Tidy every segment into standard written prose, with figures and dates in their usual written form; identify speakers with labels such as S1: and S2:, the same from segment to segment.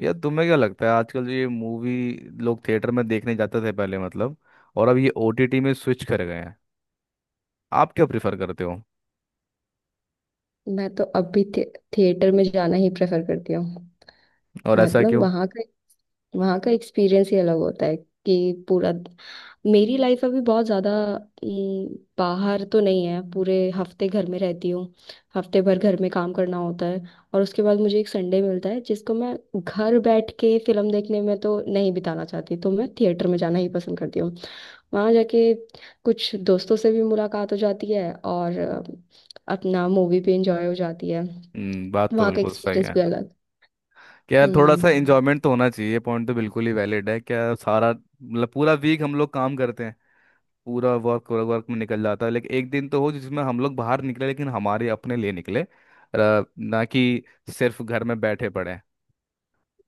S1: यार तुम्हें क्या लगता है आजकल ये मूवी लोग थिएटर में देखने जाते थे पहले मतलब, और अब ये ओटीटी में स्विच कर गए हैं। आप क्या प्रिफर करते हो?
S2: मैं तो थिएटर में जाना ही प्रेफर करती हूँ।
S1: और ऐसा
S2: मतलब
S1: क्यों?
S2: वहाँ का एक्सपीरियंस ही अलग होता है कि पूरा मेरी लाइफ अभी बहुत ज़्यादा बाहर तो नहीं है, पूरे हफ्ते घर में रहती हूँ। हफ्ते भर घर में काम करना होता है और उसके बाद मुझे एक संडे मिलता है जिसको मैं घर बैठ के फिल्म देखने में तो नहीं बिताना चाहती, तो मैं थिएटर में जाना ही पसंद करती हूँ। वहाँ जाके कुछ दोस्तों से भी मुलाकात हो जाती है और अपना मूवी भी इंजॉय हो जाती है।
S1: हम्म, बात तो
S2: वहाँ का
S1: बिल्कुल सही
S2: एक्सपीरियंस
S1: है।
S2: भी अलग।
S1: क्या थोड़ा
S2: हम्म
S1: सा इंजॉयमेंट तो होना चाहिए, पॉइंट तो बिल्कुल ही वैलिड है। क्या सारा मतलब पूरा वीक हम लोग काम करते हैं, पूरा वर्क वर्क वर्क में निकल जाता है, लेकिन एक दिन तो हो जिसमें हम लोग बाहर निकले, लेकिन हमारे अपने लिए निकले, ना कि सिर्फ घर में बैठे पड़े हैं।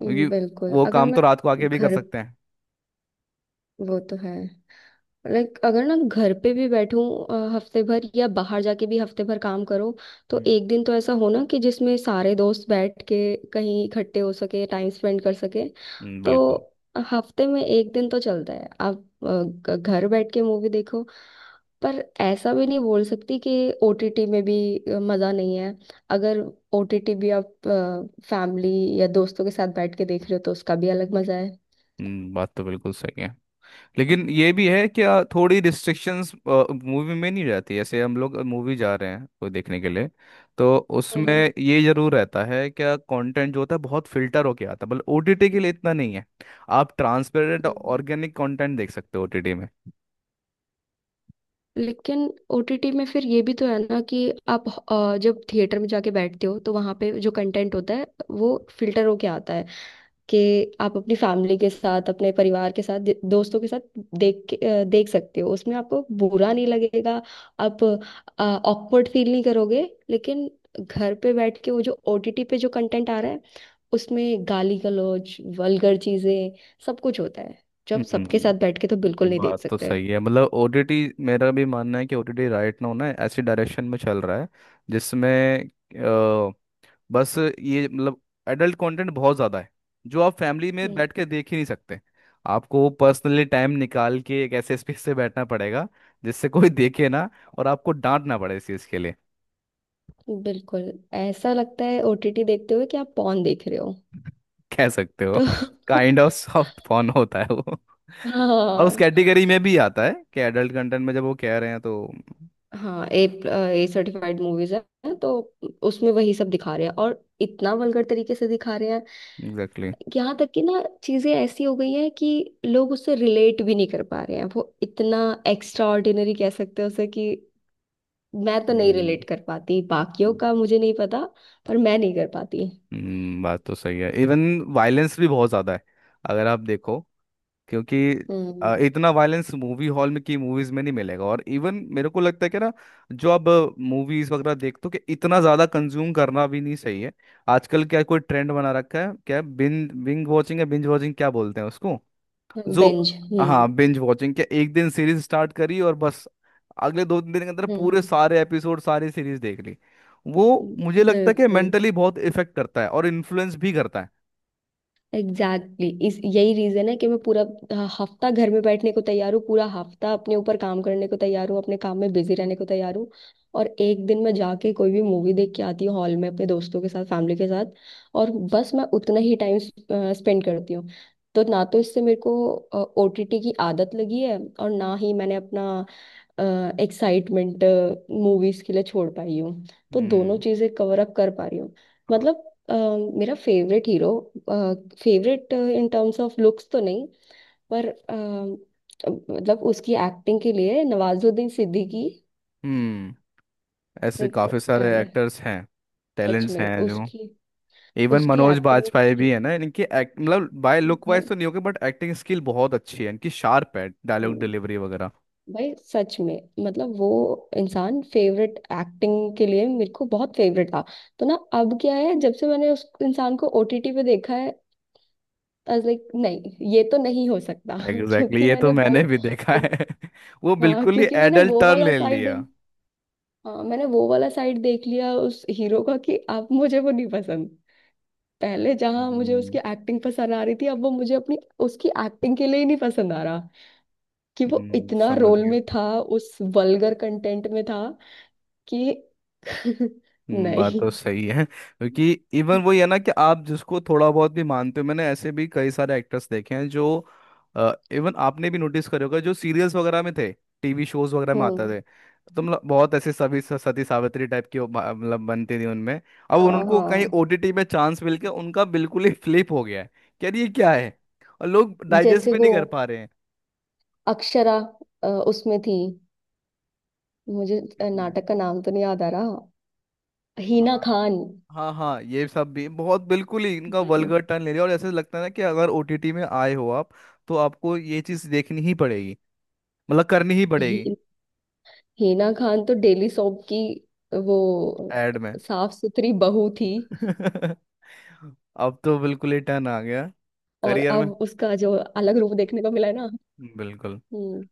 S1: क्योंकि
S2: बिल्कुल।
S1: वो
S2: अगर
S1: काम
S2: मैं
S1: तो रात को आके भी कर
S2: घर,
S1: सकते हैं।
S2: वो तो है। लाइक अगर ना घर पे भी बैठूं, हफ्ते भर या बाहर जाके भी हफ्ते भर काम करो, तो
S1: हम्म।
S2: एक दिन तो ऐसा हो ना कि जिसमें सारे दोस्त बैठ के कहीं इकट्ठे हो सके, टाइम स्पेंड कर सके। तो
S1: बिल्कुल।
S2: हफ्ते में एक दिन तो चलता है आप अ, घर बैठ के मूवी देखो। पर ऐसा भी नहीं बोल सकती कि ओटीटी में भी मजा नहीं है। अगर ओटीटी भी आप फैमिली या दोस्तों के साथ बैठ के देख रहे हो तो उसका भी अलग मजा है।
S1: बात तो बिल्कुल सही है, लेकिन ये भी है कि थोड़ी रिस्ट्रिक्शंस मूवी में नहीं रहती। जैसे हम लोग मूवी जा रहे हैं कोई देखने के लिए, तो उसमें
S2: हम्म
S1: ये जरूर रहता है क्या कंटेंट जो होता है बहुत फिल्टर होके आता है, मतलब ओटीटी के लिए इतना नहीं है। आप ट्रांसपेरेंट
S2: हम्म।
S1: ऑर्गेनिक कंटेंट देख सकते हो ओटीटी में।
S2: लेकिन ओटीटी में फिर ये भी तो है ना कि आप, जब थिएटर में जाके बैठते हो तो वहां पे जो कंटेंट होता है वो फिल्टर होके आता है कि आप अपनी फैमिली के साथ, अपने परिवार के साथ, दोस्तों के साथ देख के, देख सकते हो, उसमें आपको बुरा नहीं लगेगा, आप ऑकवर्ड फील नहीं करोगे। लेकिन घर पे बैठ के वो जो ओटीटी पे जो कंटेंट आ रहा है, उसमें गाली गलौज, वल्गर चीजें, सब कुछ होता है, जो आप सबके साथ
S1: हम्म,
S2: बैठ के तो बिल्कुल नहीं देख
S1: बात तो
S2: सकते।
S1: सही है। मतलब ओटीटी, मेरा भी मानना है कि ओटीटी राइट नाउ ना ऐसी डायरेक्शन में चल रहा है जिसमें बस ये मतलब एडल्ट कंटेंट बहुत ज़्यादा है, जो आप फैमिली में
S2: हम्म,
S1: बैठ के देख ही नहीं सकते। आपको पर्सनली टाइम निकाल के एक ऐसे स्पेस से बैठना पड़ेगा जिससे कोई देखे ना, और आपको डांटना पड़े इस चीज़ के लिए।
S2: बिल्कुल। ऐसा लगता है ओटीटी देखते हुए कि आप पॉन देख रहे हो।
S1: कह सकते हो,
S2: तो
S1: काइंड ऑफ सॉफ्ट पॉर्न होता है वो। और उस
S2: हाँ।
S1: कैटेगरी में भी आता है कि एडल्ट कंटेंट में जब वो कह रहे हैं, तो
S2: हाँ ए ए सर्टिफाइड मूवीज है तो उसमें वही सब दिखा रहे हैं और इतना वल्गर तरीके से दिखा रहे हैं।
S1: Exactly exactly।
S2: यहाँ तक कि ना चीजें ऐसी हो गई हैं कि लोग उससे रिलेट भी नहीं कर पा रहे हैं, वो इतना एक्स्ट्रा ऑर्डिनरी कह सकते हैं उसे कि मैं तो नहीं
S1: हम्म।
S2: रिलेट कर पाती, बाकियों का मुझे नहीं पता, पर मैं नहीं कर पाती।
S1: बात तो सही है। इवन वायलेंस भी बहुत ज़्यादा है, अगर आप देखो। क्योंकि
S2: हम्म।
S1: इतना वायलेंस मूवी हॉल में की मूवीज में नहीं मिलेगा। और इवन मेरे को लगता है कि ना, जो अब मूवीज वगैरह देखते हो कि इतना ज्यादा कंज्यूम करना भी नहीं सही है। आजकल क्या कोई ट्रेंड बना रखा है, क्या बिंज बिंज वॉचिंग है, बिंज वॉचिंग क्या बोलते हैं उसको, जो,
S2: बेंज,
S1: हाँ,
S2: binge।
S1: Binge watching. क्या एक दिन सीरीज स्टार्ट करी और बस अगले दो तीन दिन के अंदर पूरे
S2: हम्म
S1: सारे एपिसोड, सारी सीरीज देख ली। वो
S2: हम्म।
S1: मुझे लगता है कि
S2: बिल्कुल।
S1: मेंटली बहुत इफेक्ट करता है और इन्फ्लुएंस भी करता है।
S2: Exactly, exactly। इस यही रीजन है कि मैं पूरा हफ्ता घर में बैठने को तैयार हूँ, पूरा हफ्ता अपने ऊपर काम करने को तैयार हूँ, अपने काम में बिजी रहने को तैयार हूँ। और एक दिन मैं जाके कोई भी मूवी देख के आती हूँ हॉल में अपने दोस्तों के साथ, फैमिली के साथ, और बस मैं उतना ही टाइम स्पेंड करती हूँ। तो ना तो इससे मेरे को ओटीटी की आदत लगी है और ना ही मैंने अपना एक्साइटमेंट मूवीज के लिए छोड़ पाई हूँ। तो दोनों
S1: हम्म।
S2: चीजें कवर अप कर पा रही हूँ।
S1: हाँ,
S2: मतलब अ, मेरा favourite hero, favourite in terms of looks तो नहीं, पर मतलब उसकी एक्टिंग के लिए, नवाजुद्दीन सिद्दीकी।
S1: हम्म। ऐसे
S2: लाइक
S1: काफी सारे
S2: टैलेंट,
S1: एक्टर्स हैं,
S2: सच
S1: टैलेंट्स
S2: में
S1: हैं जो,
S2: उसकी
S1: इवन
S2: उसकी
S1: मनोज बाजपेयी
S2: एक्टिंग,
S1: भी है ना, इनकी मतलब बाय लुक वाइज तो नहीं होगी बट एक्टिंग स्किल बहुत अच्छी है इनकी, शार्प है डायलॉग
S2: भाई,
S1: डिलीवरी वगैरह।
S2: भाई, सच में, मतलब वो इंसान फेवरेट, एक्टिंग के लिए मेरे को बहुत फेवरेट था। तो ना अब क्या है, जब से मैंने उस इंसान को ओटीटी पे देखा है, आई वाज लाइक नहीं, ये तो नहीं हो सकता।
S1: एग्जैक्टली exactly,
S2: क्योंकि
S1: ये तो
S2: मैंने
S1: मैंने
S2: वो,
S1: भी देखा है। वो
S2: हाँ,
S1: बिल्कुल ही
S2: क्योंकि मैंने
S1: एडल्ट
S2: वो
S1: टर्न
S2: वाला
S1: ले
S2: साइड,
S1: लिया।
S2: हाँ मैंने वो वाला साइड देख लिया उस हीरो का कि अब मुझे वो नहीं पसंद। पहले जहां मुझे उसकी
S1: हम्म।
S2: एक्टिंग पसंद आ रही थी, अब वो मुझे अपनी, उसकी एक्टिंग के लिए ही नहीं पसंद आ रहा कि वो इतना
S1: समझ
S2: रोल
S1: गया।
S2: में था, उस वल्गर कंटेंट में था कि
S1: बात
S2: नहीं।
S1: तो सही है। क्योंकि इवन वही है ना कि आप जिसको थोड़ा बहुत भी मानते हो, मैंने ऐसे भी कई सारे एक्टर्स देखे हैं जो, इवन आपने भी नोटिस करे होगा, जो सीरियल्स वगैरह में थे, टीवी शोज वगैरह में आते
S2: हम्म
S1: थे, तो मतलब बहुत ऐसे सभी सती सावित्री टाइप की वो मतलब बनती थी उनमें। अब
S2: हाँ
S1: उनको कहीं
S2: हाँ।
S1: ओटीटी में चांस मिल के उनका बिल्कुल ही फ्लिप हो गया है कि यार ये क्या है, और लोग डाइजेस्ट
S2: जैसे
S1: भी
S2: वो
S1: नहीं कर पा रहे हैं।
S2: अक्षरा, उसमें थी, मुझे
S1: इसमें?
S2: नाटक का नाम तो नहीं याद आ रहा। हीना
S1: हाँ।
S2: खान।
S1: हाँ हाँ, ये सब भी बहुत बिल्कुल ही इनका
S2: नहीं,
S1: वल्गर टर्न ले लिया, और ऐसे लगता है ना कि अगर ओटीटी में आए हो आप, तो आपको ये चीज देखनी ही पड़ेगी, मतलब करनी ही पड़ेगी।
S2: ही, हीना खान तो डेली सोप की वो
S1: एड में।
S2: साफ सुथरी बहू थी।
S1: अब तो बिल्कुल ही टर्न आ गया
S2: और
S1: करियर में।
S2: अब उसका जो अलग रूप देखने को मिला है ना।
S1: बिल्कुल।
S2: हम्म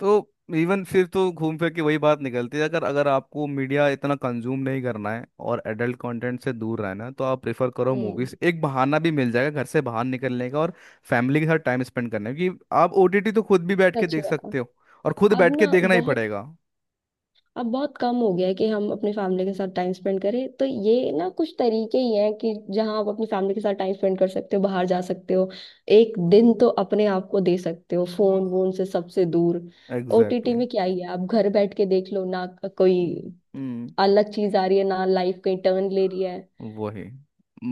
S1: तो इवन फिर तो घूम फिर के वही बात निकलती है। अगर अगर आपको मीडिया इतना कंज्यूम नहीं करना है और एडल्ट कंटेंट से दूर रहना है, तो आप प्रेफर करो
S2: हम्म।
S1: मूवीज। एक बहाना भी मिल जाएगा घर से बाहर निकलने का, और फैमिली के साथ टाइम स्पेंड करने का, क्योंकि आप ओटीटी तो खुद भी बैठ के
S2: सच
S1: देख
S2: में
S1: सकते हो, और खुद बैठ
S2: अब
S1: के
S2: ना
S1: देखना ही
S2: बहुत,
S1: पड़ेगा।
S2: अब बहुत कम हो गया है कि हम अपनी फैमिली के साथ टाइम स्पेंड करें, तो ये ना कुछ तरीके ही हैं कि जहां आप अपनी फैमिली के साथ टाइम स्पेंड कर सकते हो, बाहर जा सकते हो। एक दिन तो अपने आप को दे सकते हो फोन वोन से सबसे दूर।
S1: Exactly
S2: OTT
S1: exactly.
S2: में क्या ही है, आप घर बैठ के देख लो ना। कोई
S1: हम्म।
S2: अलग चीज आ रही है ना, लाइफ कहीं टर्न ले रही है।
S1: वही।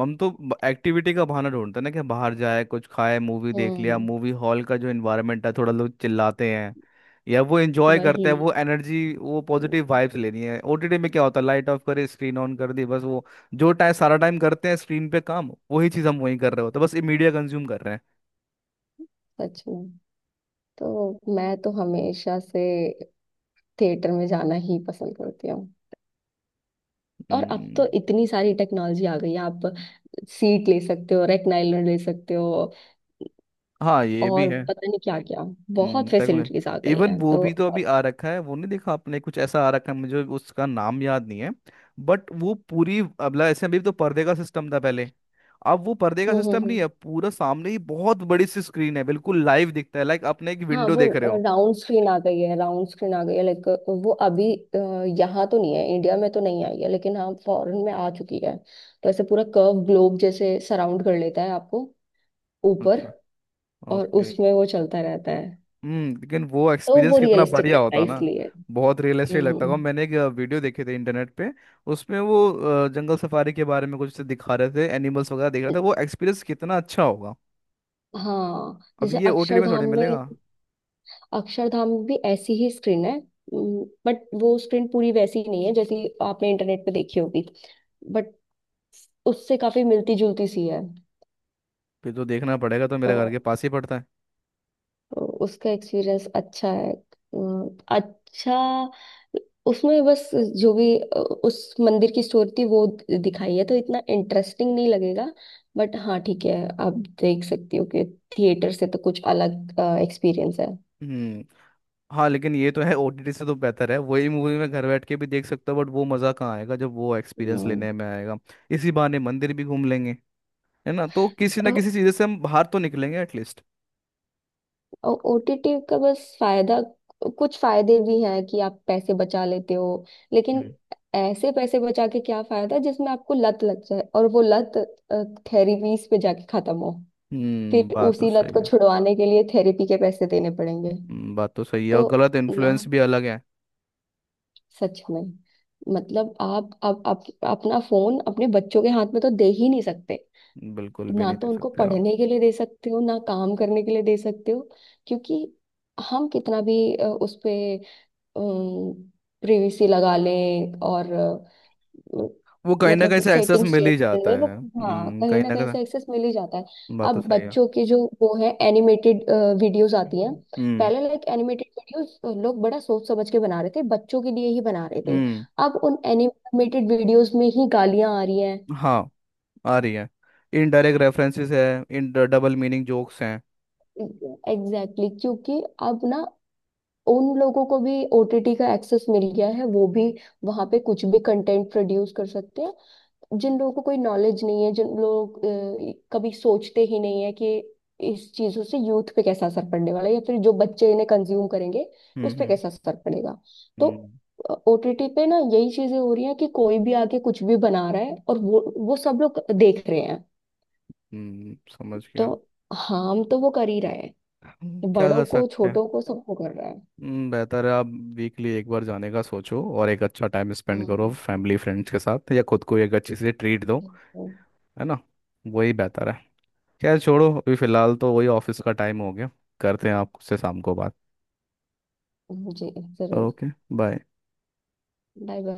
S1: हम तो एक्टिविटी का बहाना ढूंढते हैं ना कि बाहर जाए, कुछ खाए, मूवी देख लिया,
S2: हम्म
S1: मूवी हॉल का जो इन्वायरमेंट है, थोड़ा लोग चिल्लाते हैं या वो एंजॉय करते
S2: वही,
S1: हैं, वो एनर्जी, वो पॉजिटिव वाइब्स लेनी है। ओटीटी में क्या होता है, लाइट ऑफ करे, स्क्रीन ऑन कर दी, बस वो जो टाइम सारा टाइम करते हैं स्क्रीन पे काम, वही चीज़ हम वहीं कर रहे होते हैं, बस ये मीडिया कंज्यूम कर रहे हैं।
S2: सच में। तो मैं तो हमेशा से थिएटर में जाना ही पसंद करती हूँ। और अब
S1: हम्म,
S2: तो इतनी सारी टेक्नोलॉजी आ गई है, आप सीट ले सकते हो, रेक्लाइनर ले सकते हो
S1: हाँ ये भी
S2: और
S1: है।
S2: पता नहीं क्या क्या, बहुत
S1: तक में,
S2: फैसिलिटीज आ गई
S1: इवन
S2: हैं।
S1: वो
S2: तो
S1: भी तो अभी
S2: अब-
S1: आ रखा है। वो नहीं देखा आपने, कुछ ऐसा आ रखा है, मुझे उसका नाम याद नहीं है, बट वो पूरी अब ऐसे अभी तो पर्दे का सिस्टम था पहले, अब वो पर्दे का
S2: हम्म हम्म
S1: सिस्टम नहीं
S2: हम्म।
S1: है। पूरा सामने ही बहुत बड़ी सी स्क्रीन है, बिल्कुल लाइव दिखता है, लाइक आपने एक
S2: हाँ,
S1: विंडो
S2: वो
S1: देख रहे हो।
S2: राउंड स्क्रीन आ गई है राउंड स्क्रीन आ गई है। लाइक वो अभी यहाँ तो नहीं है, इंडिया में तो नहीं आई है, लेकिन हाँ फॉरेन में आ चुकी है। तो ऐसे पूरा कर्व ग्लोब जैसे सराउंड कर लेता है आपको ऊपर,
S1: अच्छा।
S2: और
S1: ओके।
S2: उसमें वो चलता रहता है।
S1: हम्म, लेकिन वो
S2: तो
S1: एक्सपीरियंस
S2: वो
S1: कितना
S2: रियलिस्टिक
S1: बढ़िया
S2: लगता है,
S1: होता ना।
S2: इसलिए।
S1: बहुत रियलिस्टिक लगता
S2: हम्म
S1: था। मैंने एक वीडियो देखे थे इंटरनेट पे, उसमें वो जंगल सफारी के बारे में कुछ दिखा रहे थे, एनिमल्स वगैरह देख रहा था। वो एक्सपीरियंस कितना अच्छा होगा।
S2: हाँ,
S1: अब
S2: जैसे
S1: ये ओटीटी में
S2: अक्षरधाम
S1: थोड़ी
S2: में,
S1: मिलेगा।
S2: अक्षरधाम भी ऐसी ही स्क्रीन है। बट वो स्क्रीन पूरी वैसी नहीं है जैसी आपने इंटरनेट पे देखी होगी, बट उससे काफी मिलती जुलती सी है।
S1: फिर तो देखना पड़ेगा। तो मेरे
S2: तो
S1: घर के पास ही पड़ता है।
S2: तो उसका एक्सपीरियंस अच्छा है। अच्छा, उसमें बस जो भी उस मंदिर की स्टोरी थी वो दिखाई है, तो इतना इंटरेस्टिंग नहीं लगेगा, बट हाँ ठीक है, आप देख सकती हो कि थिएटर से तो कुछ अलग एक्सपीरियंस है।
S1: हम्म। हाँ लेकिन ये तो है, ओटीटी से तो बेहतर है। वही मूवी मैं घर बैठ के भी देख सकता हूँ, बट वो मज़ा कहाँ आएगा जब वो एक्सपीरियंस लेने में आएगा। इसी बहाने मंदिर भी घूम लेंगे, है ना? तो किसी ना
S2: हम्म।
S1: किसी चीज़ से हम बाहर तो निकलेंगे एटलीस्ट।
S2: और ओटीटी का बस फायदा, कुछ फायदे भी हैं कि आप पैसे बचा लेते हो, लेकिन
S1: हम्म।
S2: ऐसे पैसे बचा के क्या फायदा जिसमें आपको लत लग जाए और वो लत थेरेपीज पे जाके खत्म हो।
S1: हम्म,
S2: फिर
S1: बात तो
S2: उसी लत
S1: सही
S2: को
S1: है।
S2: छुड़वाने के लिए थेरेपी के पैसे देने पड़ेंगे।
S1: बात तो सही है,
S2: तो
S1: और गलत
S2: ना,
S1: इन्फ्लुएंस भी अलग है।
S2: सच में, मतलब आप अपना फोन अपने बच्चों के हाथ में तो दे ही नहीं सकते।
S1: बिल्कुल भी
S2: ना
S1: नहीं
S2: तो
S1: दे
S2: उनको
S1: सकते आप।
S2: पढ़ने के लिए दे सकते हो, ना काम करने के लिए दे सकते हो, क्योंकि हम कितना भी उस पे प्रिवेसी लगा लें और
S1: वो कहीं ना कहीं
S2: मतलब
S1: से एक्सेस
S2: सेटिंग्स
S1: मिल
S2: चेंज
S1: ही
S2: कर
S1: जाता
S2: लें, वो,
S1: है,
S2: हाँ
S1: हम्म,
S2: कहीं
S1: कहीं
S2: ना
S1: ना
S2: कहीं
S1: कहीं।
S2: से एक्सेस मिल ही जाता है।
S1: बात तो
S2: अब
S1: सही है।
S2: बच्चों के जो वो है एनिमेटेड वीडियोस आती हैं,
S1: हम्म। हम्म।
S2: पहले लाइक एनिमेटेड वीडियोस लोग बड़ा सोच समझ के बना रहे थे, बच्चों के लिए ही बना रहे थे।
S1: हम्म।
S2: अब उन एनिमेटेड वीडियोस में ही गालियां आ रही हैं।
S1: हाँ, आ रही है। इनडायरेक्ट रेफरेंसेस है, इन डबल मीनिंग जोक्स हैं।
S2: एग्जैक्टली, exactly, क्योंकि अब ना उन लोगों को भी ओटीटी का एक्सेस मिल गया है, वो भी वहां पे कुछ भी कंटेंट प्रोड्यूस कर सकते हैं। जिन लोगों को कोई नॉलेज नहीं है, जिन लोग कभी सोचते ही नहीं है कि इस चीजों से यूथ पे कैसा असर पड़ने वाला है या फिर जो बच्चे इन्हें कंज्यूम करेंगे
S1: हम्म।
S2: उस पे
S1: हम्म।
S2: कैसा असर पड़ेगा। तो
S1: हम्म।
S2: ओटीटी पे ना यही चीजें हो रही हैं कि कोई भी आके कुछ भी बना रहा है और वो सब लोग देख रहे हैं।
S1: समझ
S2: तो
S1: गया।
S2: हार्म तो वो कर ही रहा है,
S1: क्या
S2: बड़ों
S1: कर
S2: को,
S1: सकते हैं।
S2: छोटों को, सबको कर रहा है।
S1: बेहतर है आप वीकली एक बार जाने का सोचो, और एक अच्छा टाइम स्पेंड करो
S2: हम्म,
S1: फैमिली फ्रेंड्स के साथ, या खुद को एक अच्छी सी ट्रीट दो।
S2: हम्म,
S1: है ना? वही बेहतर है। खैर छोड़ो, अभी फिलहाल तो वही ऑफिस का टाइम हो गया। करते हैं आपसे शाम को बात।
S2: जी, जरूर।
S1: ओके। बाय।
S2: Bye bye.